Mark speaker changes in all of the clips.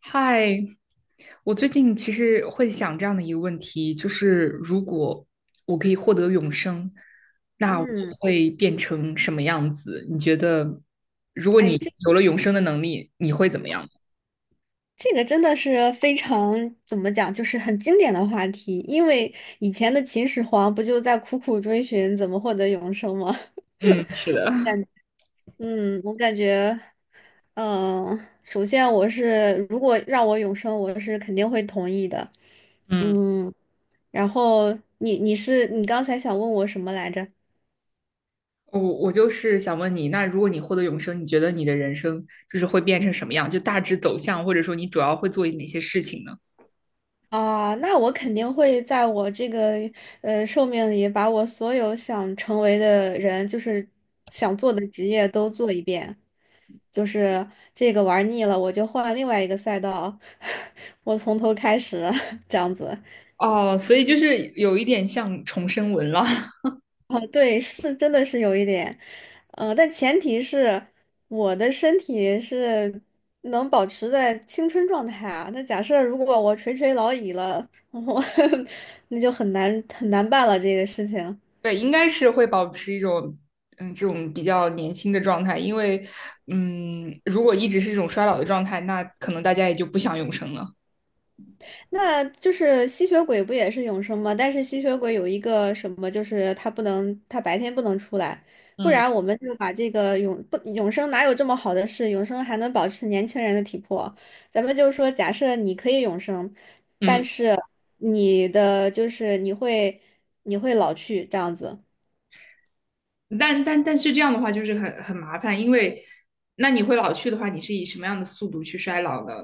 Speaker 1: 嗨，我最近其实会想这样的一个问题，就是如果我可以获得永生，那我
Speaker 2: 嗯，
Speaker 1: 会变成什么样子？你觉得，如果
Speaker 2: 哎，
Speaker 1: 你
Speaker 2: 这
Speaker 1: 有了永生的能力，你会怎么样？
Speaker 2: 这个真的是非常怎么讲，就是很经典的话题。因为以前的秦始皇不就在苦苦追寻怎么获得永生吗？
Speaker 1: 嗯，是的，
Speaker 2: 嗯，我感觉，嗯、首先我是如果让我永生，我是肯定会同意的。
Speaker 1: 嗯，
Speaker 2: 嗯，然后你刚才想问我什么来着？
Speaker 1: 我就是想问你，那如果你获得永生，你觉得你的人生就是会变成什么样？就大致走向，或者说你主要会做哪些事情呢？
Speaker 2: 啊，那我肯定会在我这个寿命里，把我所有想成为的人，就是想做的职业都做一遍。就是这个玩腻了，我就换另外一个赛道，我从头开始，这样子。
Speaker 1: 哦，所以就是有一点像重生文了。
Speaker 2: 哦，对，是真的是有一点，但前提是我的身体是能保持在青春状态啊。那假设如果我垂垂老矣了，我 那就很难很难办了这个事情。
Speaker 1: 对，应该是会保持一种这种比较年轻的状态，因为如果一直是一种衰老的状态，那可能大家也就不想永生了。
Speaker 2: 那就是吸血鬼不也是永生吗？但是吸血鬼有一个什么，就是他不能，他白天不能出来，不
Speaker 1: 嗯，
Speaker 2: 然我们就把这个永不永生哪有这么好的事？永生还能保持年轻人的体魄。咱们就说，假设你可以永生，但
Speaker 1: 嗯，
Speaker 2: 是就是你会老去这样子。
Speaker 1: 但是这样的话就是很麻烦，因为那你会老去的话，你是以什么样的速度去衰老呢？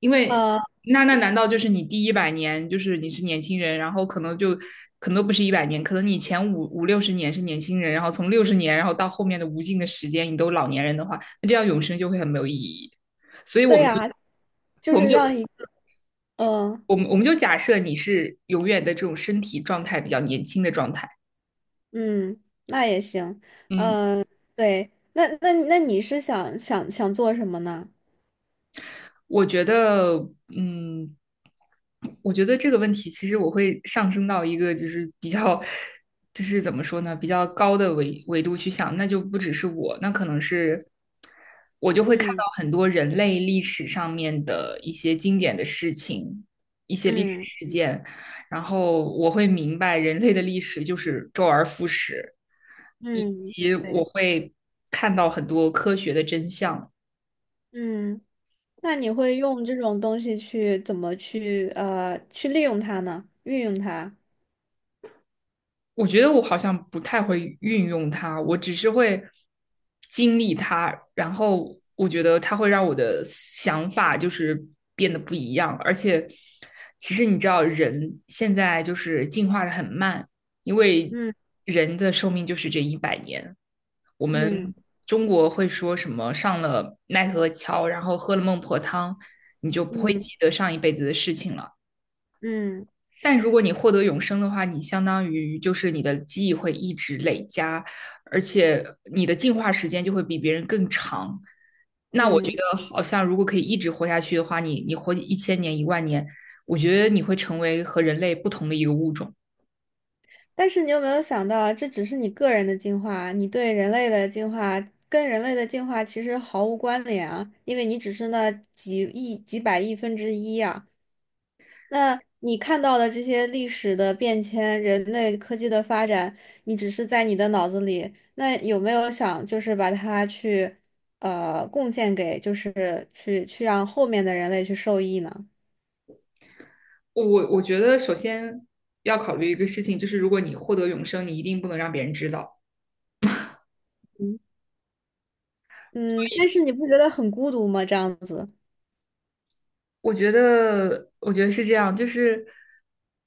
Speaker 1: 因为
Speaker 2: 啊？
Speaker 1: 那难道就是你第一百年就是你是年轻人，然后可能就可能都不是一百年，可能你前五六十年是年轻人，然后从六十年，然后到后面的无尽的时间，你都老年人的话，那这样永生就会很没有意义。所以
Speaker 2: 对呀，就是让一嗯
Speaker 1: 我们就假设你是永远的这种身体状态比较年轻的状态。
Speaker 2: 嗯，那也行。
Speaker 1: 嗯，
Speaker 2: 对，那你是想做什么呢？
Speaker 1: 我觉得，嗯，我觉得这个问题其实我会上升到一个就是比较，就是怎么说呢，比较高的维度去想，那就不只是我，那可能是我就会看
Speaker 2: 嗯。
Speaker 1: 到很多人类历史上面的一些经典的事情，一些历史
Speaker 2: 嗯
Speaker 1: 事件，然后我会明白人类的历史就是周而复始，以
Speaker 2: 嗯，
Speaker 1: 及我
Speaker 2: 对，
Speaker 1: 会看到很多科学的真相。
Speaker 2: 嗯，那你会用这种东西去怎么去利用它呢？运用它？
Speaker 1: 我觉得我好像不太会运用它，我只是会经历它，然后我觉得它会让我的想法就是变得不一样。而且，其实你知道，人现在就是进化的很慢，因为
Speaker 2: 嗯
Speaker 1: 人的寿命就是这一百年。我
Speaker 2: 嗯
Speaker 1: 们中国会说什么上了奈何桥，然后喝了孟婆汤，你就不会
Speaker 2: 嗯
Speaker 1: 记得上一辈子的事情了。
Speaker 2: 嗯
Speaker 1: 但如果你获得永生的话，你相当于就是你的记忆会一直累加，而且你的进化时间就会比别人更长。那我觉
Speaker 2: 嗯，
Speaker 1: 得好像如果可以一直活下去的话，你活1000年、1万年，我觉得你会成为和人类不同的一个物种。
Speaker 2: 但是你有没有想到啊这只是你个人的进化，你对人类的进化跟人类的进化其实毫无关联啊，因为你只是那几亿、几百亿分之一啊。那你看到的这些历史的变迁、人类科技的发展，你只是在你的脑子里，那有没有想就是把它去贡献给，就是去去让后面的人类去受益呢？
Speaker 1: 我我觉得首先要考虑一个事情，就是如果你获得永生，你一定不能让别人知道。
Speaker 2: 嗯，但是你不觉得很孤独吗？这样子。
Speaker 1: 我觉得，我觉得是这样，就是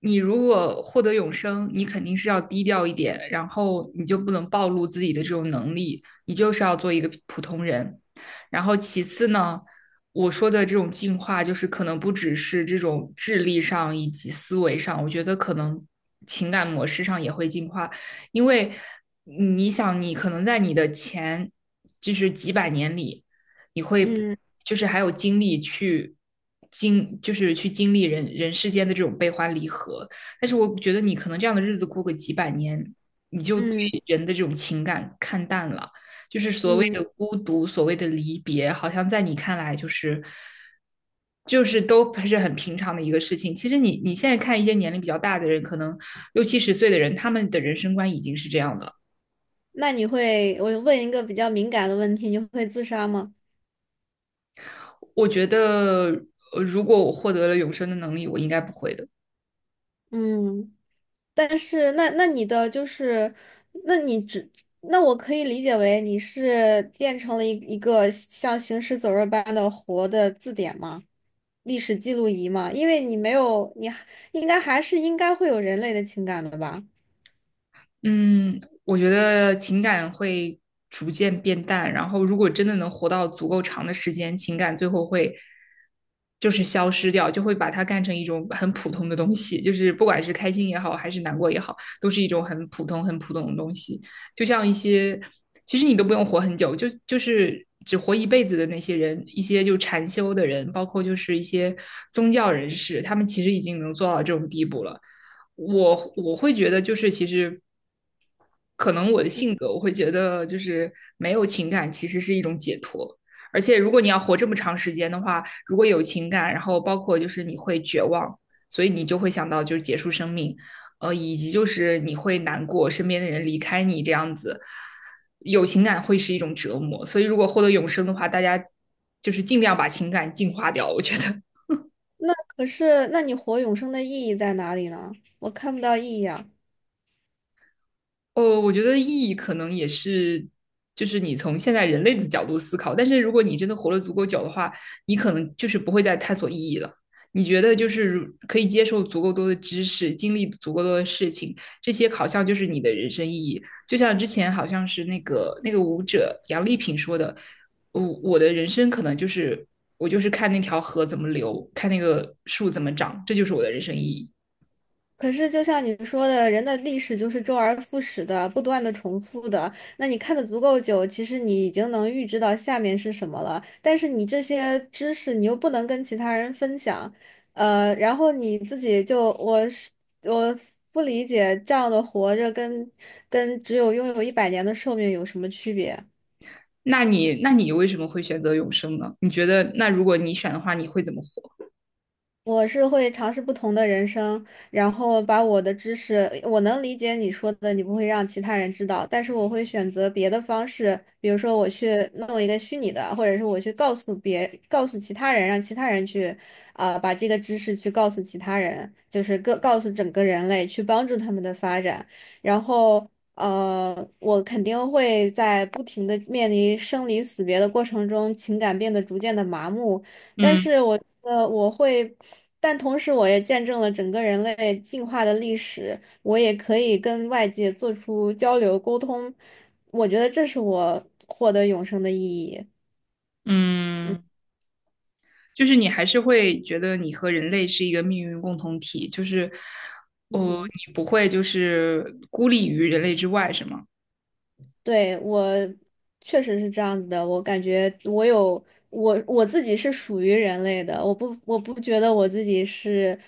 Speaker 1: 你如果获得永生，你肯定是要低调一点，然后你就不能暴露自己的这种能力，你就是要做一个普通人。然后其次呢，我说的这种进化，就是可能不只是这种智力上以及思维上，我觉得可能情感模式上也会进化，因为你想，你可能在你的前就是几百年里。你会
Speaker 2: 嗯
Speaker 1: 就是还有精力去就是去经历人世间的这种悲欢离合。但是我觉得你可能这样的日子过个几百年，你就对
Speaker 2: 嗯
Speaker 1: 人的这种情感看淡了，就是所谓
Speaker 2: 嗯。
Speaker 1: 的孤独，所谓的离别，好像在你看来就是都是很平常的一个事情。其实你你现在看一些年龄比较大的人，可能六七十岁的人，他们的人生观已经是这样的了。
Speaker 2: 那你会，我问一个比较敏感的问题，你会自杀吗？
Speaker 1: 我觉得，如果我获得了永生的能力，我应该不会的。
Speaker 2: 嗯，但是那你的就是，那你只，那我可以理解为你是变成了一个像行尸走肉般的活的字典吗？历史记录仪吗？因为你没有，你还应该会有人类的情感的吧？
Speaker 1: 嗯，我觉得情感会逐渐变淡，然后如果真的能活到足够长的时间，情感最后会就是消失掉，就会把它干成一种很普通的东西，就是不管是开心也好，还是难过也好，都是一种很普通、很普通的东西。就像一些，其实你都不用活很久，就是只活一辈子的那些人，一些就禅修的人，包括就是一些宗教人士，他们其实已经能做到这种地步了。我会觉得，就是其实。可能我的性格，我会觉得就是没有情感其实是一种解脱。而且如果你要活这么长时间的话，如果有情感，然后包括就是你会绝望，所以你就会想到就是结束生命，以及就是你会难过，身边的人离开你这样子，有情感会是一种折磨。所以如果获得永生的话，大家就是尽量把情感净化掉，我觉得
Speaker 2: 那可是，那你活永生的意义在哪里呢？我看不到意义啊。
Speaker 1: 哦，我觉得意义可能也是，就是你从现在人类的角度思考，但是如果你真的活了足够久的话，你可能就是不会再探索意义了。你觉得就是如可以接受足够多的知识，经历足够多的事情，这些好像就是你的人生意义。就像之前好像是那个舞者杨丽萍说的，我的人生可能就是我就是看那条河怎么流，看那个树怎么长，这就是我的人生意义。
Speaker 2: 可是，就像你说的，人的历史就是周而复始的，不断的重复的。那你看的足够久，其实你已经能预知到下面是什么了。但是你这些知识，你又不能跟其他人分享，然后你自己就，我不理解这样的活着跟只有拥有100年的寿命有什么区别。
Speaker 1: 那你那你为什么会选择永生呢？你觉得那如果你选的话，你会怎么活？
Speaker 2: 我是会尝试不同的人生，然后把我的知识，我能理解你说的，你不会让其他人知道，但是我会选择别的方式，比如说我去弄一个虚拟的，或者是我去告诉别，告诉其他人，让其他人去，啊、把这个知识去告诉其他人，就是各告诉整个人类，去帮助他们的发展，然后。我肯定会在不停的面临生离死别的过程中，情感变得逐渐的麻木，但
Speaker 1: 嗯
Speaker 2: 是我觉得我会，但同时我也见证了整个人类进化的历史，我也可以跟外界做出交流沟通，我觉得这是我获得永生的意义。
Speaker 1: 嗯，就是你还是会觉得你和人类是一个命运共同体，就是哦，
Speaker 2: 嗯。
Speaker 1: 你不会就是孤立于人类之外，是吗？
Speaker 2: 对，我确实是这样子的，我感觉我有我自己是属于人类的，我不觉得我自己是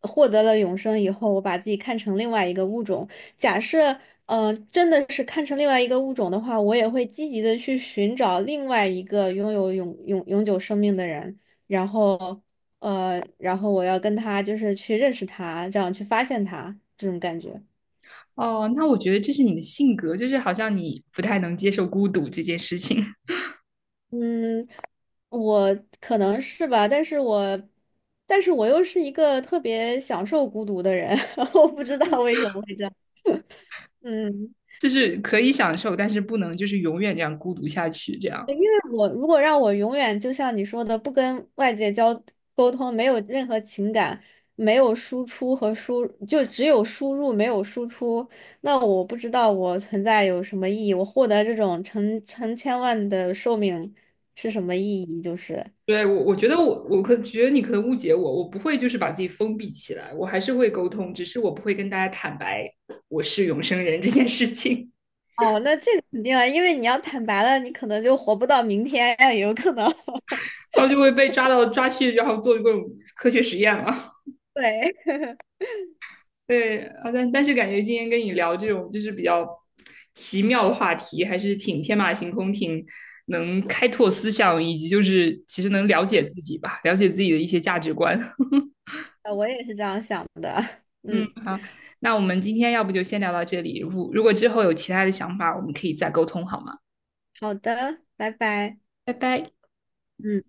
Speaker 2: 获得了永生以后，我把自己看成另外一个物种。假设真的是看成另外一个物种的话，我也会积极的去寻找另外一个拥有永久生命的人，然后然后我要跟他就是去认识他，这样去发现他这种感觉。
Speaker 1: 哦，那我觉得这是你的性格，就是好像你不太能接受孤独这件事情，
Speaker 2: 嗯，我可能是吧，但是我，但是我又是一个特别享受孤独的人，我不知道为什么会这样。嗯，
Speaker 1: 就是可以享受，但是不能就是永远这样孤独下去，这样。
Speaker 2: 但我如果让我永远就像你说的，不跟外界交沟通，没有任何情感，没有输出和输，就只有输入没有输出，那我不知道我存在有什么意义，我获得这种成千万的寿命是什么意义？就是。
Speaker 1: 对，我觉得我觉得你可能误解我，我不会就是把自己封闭起来，我还是会沟通，只是我不会跟大家坦白我是永生人这件事情，
Speaker 2: 哦，那这个肯定啊，因为你要坦白了，你可能就活不到明天也有可能。
Speaker 1: 然后就会被抓到抓去，然后做各种科学实验了。
Speaker 2: 对，
Speaker 1: 对，啊，但是感觉今天跟你聊这种就是比较奇妙的话题，还是挺天马行空，挺能开拓思想，以及就是其实能了解
Speaker 2: 嗯，
Speaker 1: 自己吧，了解自己的一些价值观。
Speaker 2: 我也是这样想的。
Speaker 1: 嗯，
Speaker 2: 嗯，
Speaker 1: 好，那我们今天要不就先聊到这里。如果之后有其他的想法，我们可以再沟通，好吗？
Speaker 2: 好的，拜拜。
Speaker 1: 拜拜。
Speaker 2: 嗯。